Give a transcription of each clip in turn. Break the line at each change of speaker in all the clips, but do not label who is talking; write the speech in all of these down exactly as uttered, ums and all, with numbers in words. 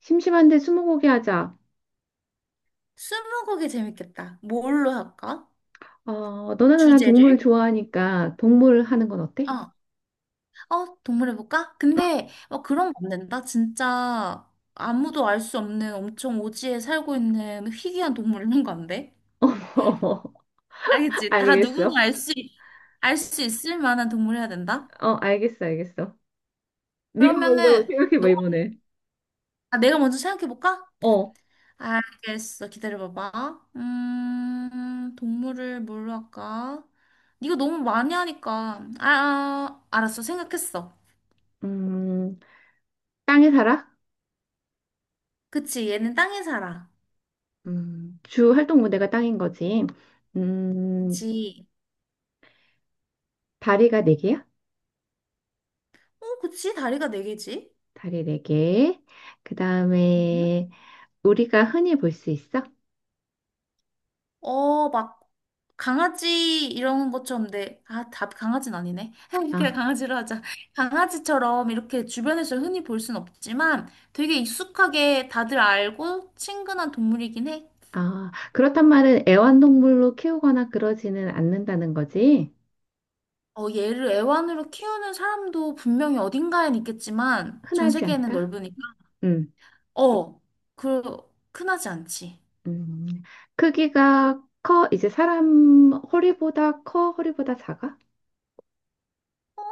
심심한데 스무고개 하자.
스무고개 재밌겠다. 뭘로 할까?
어, 너나 나나
주제를?
동물 좋아하니까 동물 하는 건 어때?
어, 어, 동물 해볼까? 근데 어, 그런 거 안 된다. 진짜 아무도 알 수 없는 엄청 오지에 살고 있는 희귀한 동물 이런 거 안 돼?
어,
알겠지? 다 누구나
알겠어.
알 수, 알 수 있을 만한 동물 해야 된다?
어, 알겠어, 알겠어. 네가 먼저
그러면은 너,
생각해봐, 이번에.
아, 내가 먼저 생각해볼까?
어,
알겠어. 기다려봐봐. 음, 동물을 뭘로 할까? 이거 너무 많이 하니까. 아, 아, 알았어. 생각했어.
음, 땅에 살아?
그치, 얘는 땅에 살아.
음, 주 활동 무대가 땅인 거지. 음,
그치.
다리가 네 개야?
어, 그치, 다리가 네 개지?
다리 네 개. 그
음?
다음에 우리가 흔히 볼 수 있어?
어, 막, 강아지 이런 것처럼 돼. 아, 답 강아지는 아니네. 그래,
아,
강아지로 하자. 강아지처럼 이렇게 주변에서 흔히 볼 순 없지만 되게 익숙하게 다들 알고 친근한 동물이긴 해.
아, 그렇단 말은 애완동물로 키우거나 그러지는 않는다는 거지.
어, 얘를 애완으로 키우는 사람도 분명히 어딘가엔 있겠지만 전
흔하지
세계에는
않다?
넓으니까.
음.
어, 그, 흔하지 않지.
음, 크기가 커? 이제 사람 허리보다 커? 허리보다 작아?
어,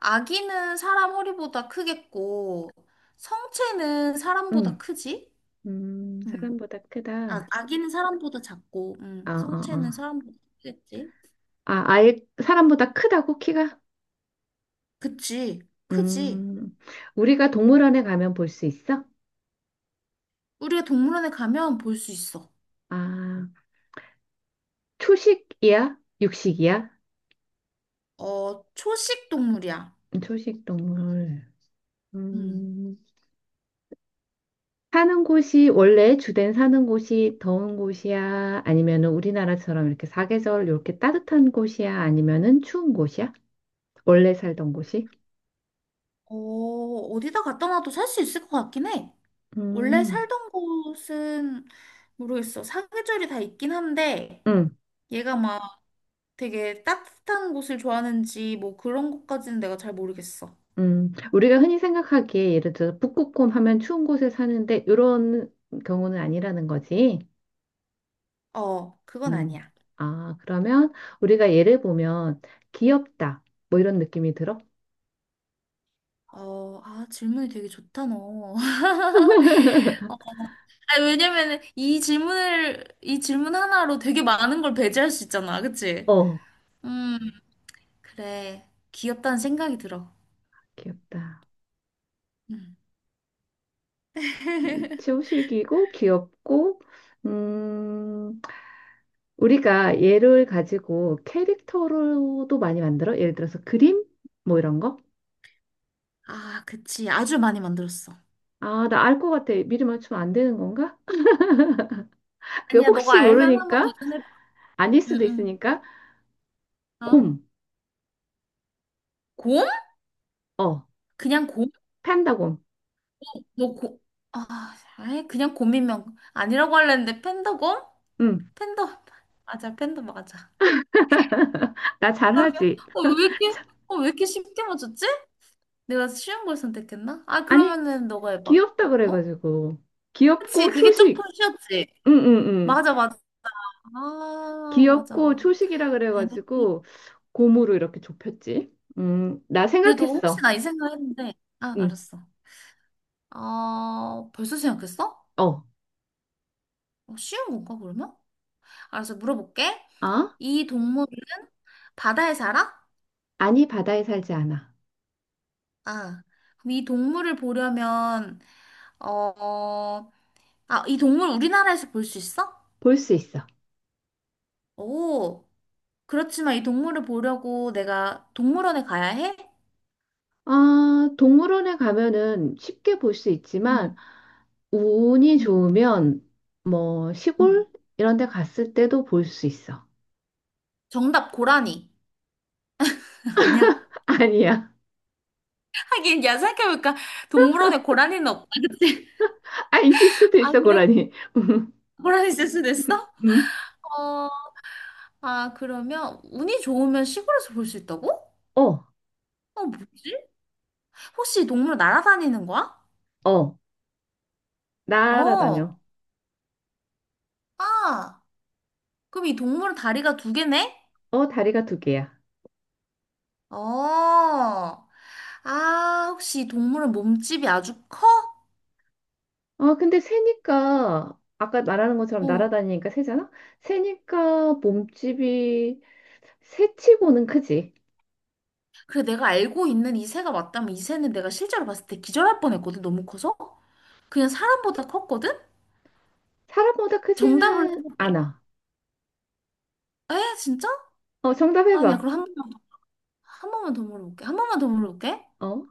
아기는 사람 허리보다 크겠고, 성체는 사람보다
응,
크지?
음, 음,
음.
사람보다
아,
크다.
아기는 사람보다 작고,
아,
음,
아,
성체는
아.
사람보다 크겠지?
아, 아예 사람보다 크다고 키가?
그치, 크지.
음, 우리가
음.
동물원에 가면 볼 수 있어?
우리가 동물원에 가면 볼 수 있어.
아, 초식이야? 육식이야?
어, 초식 동물이야.
초식 동물.
음.
음, 사는 곳이 원래 주된 사는 곳이 더운 곳이야? 아니면은 우리나라처럼 이렇게 사계절 이렇게 따뜻한 곳이야? 아니면은 추운 곳이야? 원래 살던 곳이?
어, 어디다 갖다 놔도 살 수 있을 것 같긴 해. 원래
음,
살던 곳은 모르겠어. 사계절이 다 있긴 한데,
음,
얘가 막 되게 따뜻한 곳을 좋아하는지 뭐 그런 것까지는 내가 잘 모르겠어.
음. 우리가 흔히 생각하기에 예를 들어 북극곰 하면 추운 곳에 사는데 이런 경우는 아니라는 거지.
어, 그건
음.
아니야.
아, 그러면 우리가 예를 보면 귀엽다. 뭐 이런 느낌이 들어?
어, 아, 질문이 되게 좋다, 너. 아, 왜냐면 이 질문을, 이 질문 하나로 되게 많은 걸 배제할 수 있잖아. 그치?
어,
음, 그래. 귀엽다는 생각이 들어.
귀엽다.
음.
치우식이고 귀엽고 음, 우리가 얘를 가지고 캐릭터로도 많이 만들어? 예를 들어서 그림? 뭐 이런 거?
아, 그치. 아주 많이 만들었어.
아, 나 알 것 같아. 미리 맞추면 안 되는 건가? 그
아니야, 너가
혹시
알면 한번
모르니까
도전해봐.
아닐 수도
응,
있으니까
응. 어?
곰.
곰?
어.
그냥 곰?
판다 곰.
너 곰? 아, 아이, 그냥 곰이면 아니라고 하려는데 팬더곰?
응.
팬더 맞아, 팬더 맞아.
나
그다음에
잘하지.
어왜 이렇게
참,
어왜 이렇게 쉽게 맞췄지? 내가 쉬운 걸 선택했나? 아,
아니
그러면은 너가 해봐.
귀엽다
어?
그래가지고
그치,
귀엽고
그게 조금
초식.
쉬웠지.
응응응.
맞아 맞아, 아
귀엽고
맞아.
초식이라
베네.
그래가지고 곰으로 이렇게 좁혔지. 음, 나
그래도 혹시
생각했어.
나 이 생각했는데, 아
응.
알았어. 어, 벌써 생각했어?
어.
어, 쉬운 건가 그러면? 알았어, 물어볼게.
아?
이 동물은 바다에 살아?
아니 바다에 살지 않아.
아, 그럼 이 동물을 보려면, 어, 아, 이 동물 우리나라에서 볼 수 있어?
볼 수 있어.
오, 그렇지만 이 동물을 보려고 내가 동물원에 가야 해?
아, 동물원에 가면은 쉽게 볼 수 있지만
응,
운이
응,
좋으면 뭐
응.
시골 이런 데 갔을 때도 볼 수 있어.
정답, 고라니. 아니야?
아니야.
하긴, 야, 생각해니까 동물원에 고라니는 없다, 그치?
아, 있을 수도
아,
있어,
그래?
고라니. 음.
고라니 있을 수도 있어?
음.
어, 아, 그러면 운이 좋으면 시골에서 볼 수 있다고?
어,
어, 뭐지? 혹시 이 동물 날아다니는 거야?
어. 날아다녀.
어, 아, 그럼 이 동물은 다리가 두 개네?
어, 다리가 두 개야.
어. 아, 혹시 이 동물은 몸집이 아주 커?
어, 근데 새니까 아까 말하는 것처럼
어.
날아다니니까 새잖아? 새니까 몸집이 새치고는 크지.
그래, 내가 알고 있는 이 새가 맞다면 이 새는 내가 실제로 봤을 때 기절할 뻔했거든, 너무 커서. 그냥 사람보다 컸거든?
사람보다
정답을
크지는
해볼게.
않아.
에? 진짜?
어, 정답
아니야,
해봐.
그럼 한 번만, 한 번만 더 물어볼게. 한 번만 더 물어볼게.
어,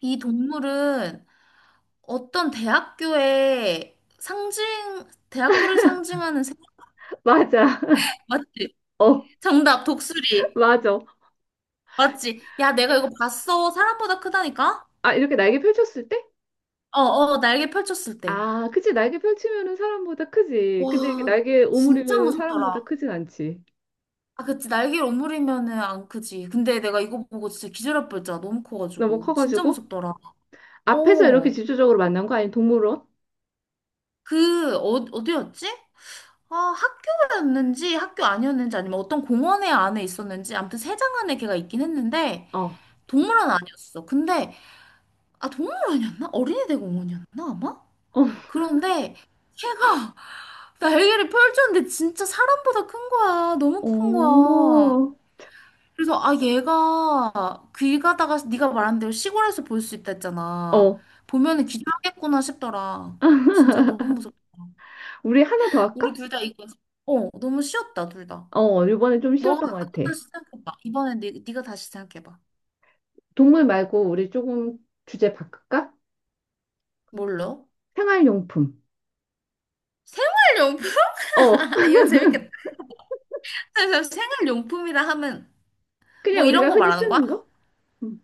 이 동물은 어떤 대학교의 상징, 대학교를 상징하는 새?
맞아.
맞지?
어,
정답, 독수리.
맞아.
맞지? 야, 내가 이거 봤어. 사람보다 크다니까?
아, 이렇게 날개 펼쳤을 때?
어, 어, 날개 펼쳤을 때.
아, 그치. 날개 펼치면은 사람보다 크지. 근데 이게
와,
날개
진짜
오므리면은 사람보다
무섭더라.
크진 않지.
아, 그치. 날개를 오므리면은 안 크지. 근데 내가 이거 보고 진짜 기절할 뻔했잖아. 너무
너무
커가지고. 진짜
커가지고.
무섭더라.
앞에서 이렇게
어.
집초적으로 만난 거 아니면 동물원?
그, 어, 어디였지? 아, 학교였는지 학교 아니었는지 아니면 어떤 공원에 안에 있었는지 아무튼 세장 안에 걔가 있긴 했는데
어,
동물원 아니었어. 근데 아, 동물원이었나? 어린이대공원이었나 아마?
어,
그런데 걔가 날개를 펼쳤는데 진짜 사람보다 큰 거야. 너무 큰 거야.
오,
그래서 아, 얘가 길 가다가 네가 말한 대로 시골에서 볼 수 있다 했잖아.
어.
보면은 기절하겠구나 싶더라. 진짜 너무 무섭다.
우리 하나 더
우리
할까?
둘 다 이거, 어, 너무 쉬웠다 둘 다.
어, 이번에 좀
너가
쉬웠던 것 같아.
다시 생각해봐. 이번에 네, 네가 다시 생각해봐.
동물 말고 우리 조금 주제 바꿀까?
뭘로?
생활용품.
생활용품.
어,
이거 재밌겠다. 그래서 생활용품이라 하면 뭐
그냥
이런
우리가
거
흔히
말하는 거야?
쓰는 거? 음,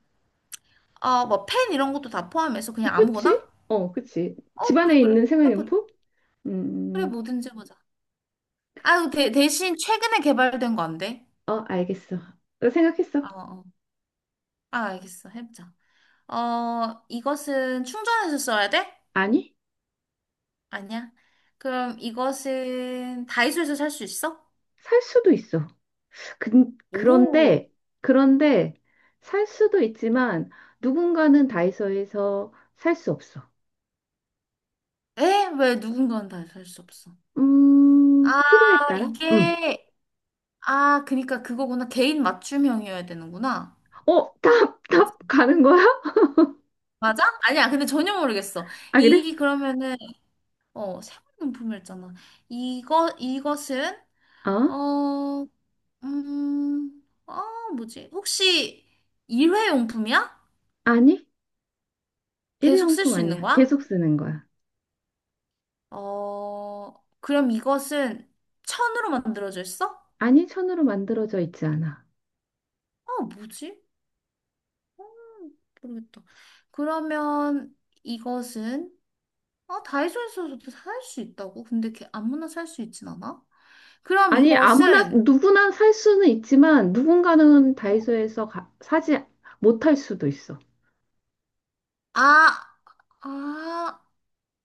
아, 뭐펜 이런 것도 다 포함해서 그냥 아무거나?
그치? 어, 그치.
어, 그래
집안에
그래
있는
해보자.
생활용품?
그래,
음,
뭐든지 보자. 아 대, 대신 최근에 개발된 거 안 돼?
어, 알겠어. 나 생각했어.
아, 아, 알겠어. 해보자. 어, 이것은 충전해서 써야 돼?
아니?
아니야. 그럼 이것은 다이소에서 살 수 있어?
살 수도 있어. 그,
오.
그런데, 그런데 살 수도 있지만 누군가는 다이소에서 살 수 없어.
에? 왜 누군가는 다이소 살수 없어?
음,
아,
필요에 따라? 음.
이게, 아, 그니까 그거구나. 개인 맞춤형이어야 되는구나.
어, 답, 답 가는 거야?
맞아? 아니야. 근데 전혀 모르겠어.
아, 그래?
이, 그러면은, 어, 생활용품이었잖아. 이거, 이것은,
어?
어, 음, 어, 뭐지? 혹시 일회용품이야?
아니,
계속 쓸
일회용품
수 있는
아니야.
거야?
계속 쓰는 거야.
어, 그럼 이것은 천으로 만들어져 있어?
아니, 천으로 만들어져 있지 않아.
어, 뭐지? 음, 모르겠다. 그러면 이것은, 어, 다이소에서도 살 수 있다고? 근데 걔 아무나 살 수 있진 않아? 그럼
아니, 아무나,
이것은
누구나 살 수는 있지만 누군가는 다이소에서 가- 사지 못할 수도 있어.
아, 아,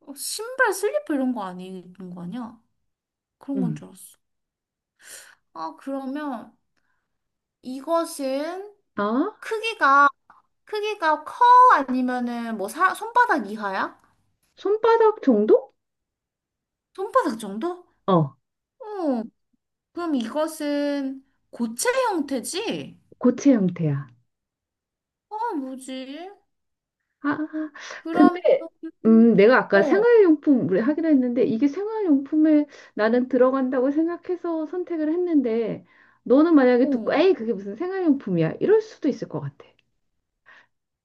어, 신발, 슬리퍼 이런 거 아니는 거 아니야? 그런 건
음.
줄 알았어. 아, 그러면 이것은
아?
크기가 크기가 커 아니면은 뭐 사, 손바닥 이하야?
손바닥 정도?
손바닥 정도?
어.
어, 그럼 이것은 고체 형태지?
고체 형태야.
아, 뭐지?
아,
그러면,
근데 음, 내가 아까
어,
생활용품 우리 하기로 했는데 이게 생활용품에 나는 들어간다고 생각해서 선택을 했는데 너는 만약에 듣고
어.
에이 그게 무슨 생활용품이야 이럴 수도 있을 것 같아.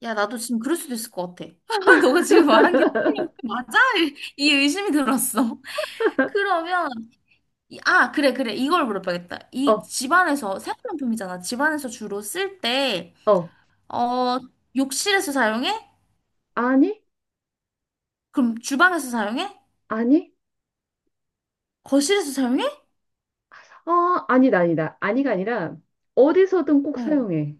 야, 나도 지금 그럴 수도 있을 것 같아. 너가 지금 말한 게 사람 형태 맞아? 이 의심이 들었어. 그러면, 이- 아, 그래, 그래. 이걸 물어봐야겠다. 이
어,
집안에서, 생활용품이잖아. 집안에서 주로 쓸 때,
어,
어, 욕실에서 사용해?
아니,
그럼 주방에서 사용해?
아니,
거실에서 사용해?
아, 아니다, 아니다, 아니가 아니라 어디서든 꼭
어.
사용해.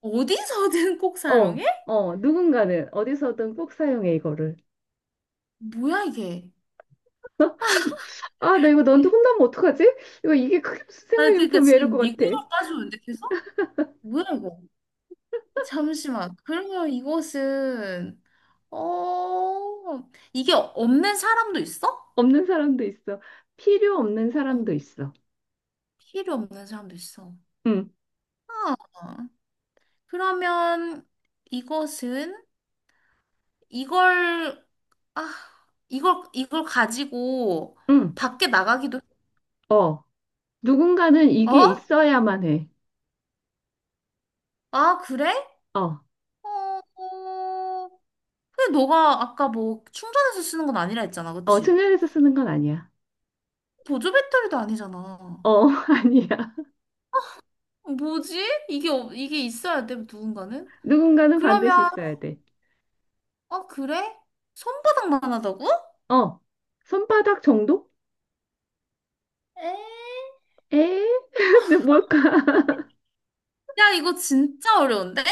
어디서든 꼭
어,
사용해?
어, 누군가는 어디서든 꼭 사용해 이거를.
뭐야, 이게?
아, 나 이거 너한테 혼나면 어떡하지? 이거 이게 그게 무슨
아 그러니까
생활용품이야 이럴 것
지금
같아.
미국으로 따지는데 계속? 뭐야 이거? 잠시만. 그러면 이것은, 어, 이게 없는 사람도 있어?
없는 사람도 있어. 필요 없는
어,
사람도 있어.
필요 없는 사람도 있어.
응,
아, 그러면 이것은 이걸 아 이걸 이걸 가지고
응,
밖에 나가기도.
어. 누군가는 이게
어?
있어야만 해.
아 그래?
어,
어, 어, 근데 너가 아까 뭐 충전해서 쓰는 건 아니라 했잖아,
어,
그치?
충전해서 쓰는 건 아니야.
보조 배터리도 아니잖아.
어, 아니야.
어, 뭐지? 이게, 없- 이게 있어야 돼, 누군가는?
누군가는 반드시
그러면,
있어야 돼.
어, 그래? 손바닥만 하다고?
어, 손바닥 정도?
에?
에? 근데 뭘까?
야, 이거 진짜 어려운데?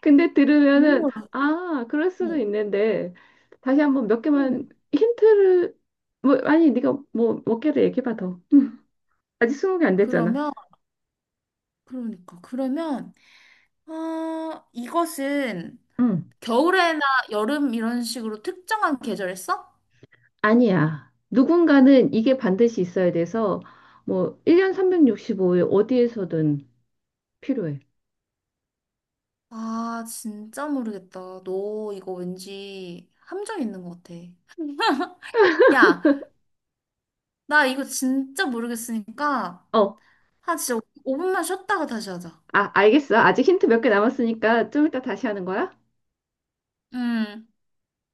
근데 들으면은,
너무
아, 그럴 수도
어려워.
있는데, 다시 한번 몇
응.
개만 힌트를, 뭐, 아니, 네가 뭐, 몇 개를 얘기해봐, 더. 응. 아직 스무 개 안 됐잖아.
그러면, 그러니까, 그러면, 아, 이것은
응.
겨울에나 여름 이런 식으로 특정한 계절 했어?
아니야. 누군가는 이게 반드시 있어야 돼서 뭐 일 년 삼백육십오 일 어디에서든 필요해.
아, 진짜 모르겠다. 너 이거 왠지 함정 있는 것 같아. 야, 나 이거 진짜 모르겠으니까,
어,
한 진짜 오 분만 쉬었다가 다시 하자.
아, 알겠어. 아직 힌트 몇 개 남았으니까 좀 이따 다시 하는 거야?
음.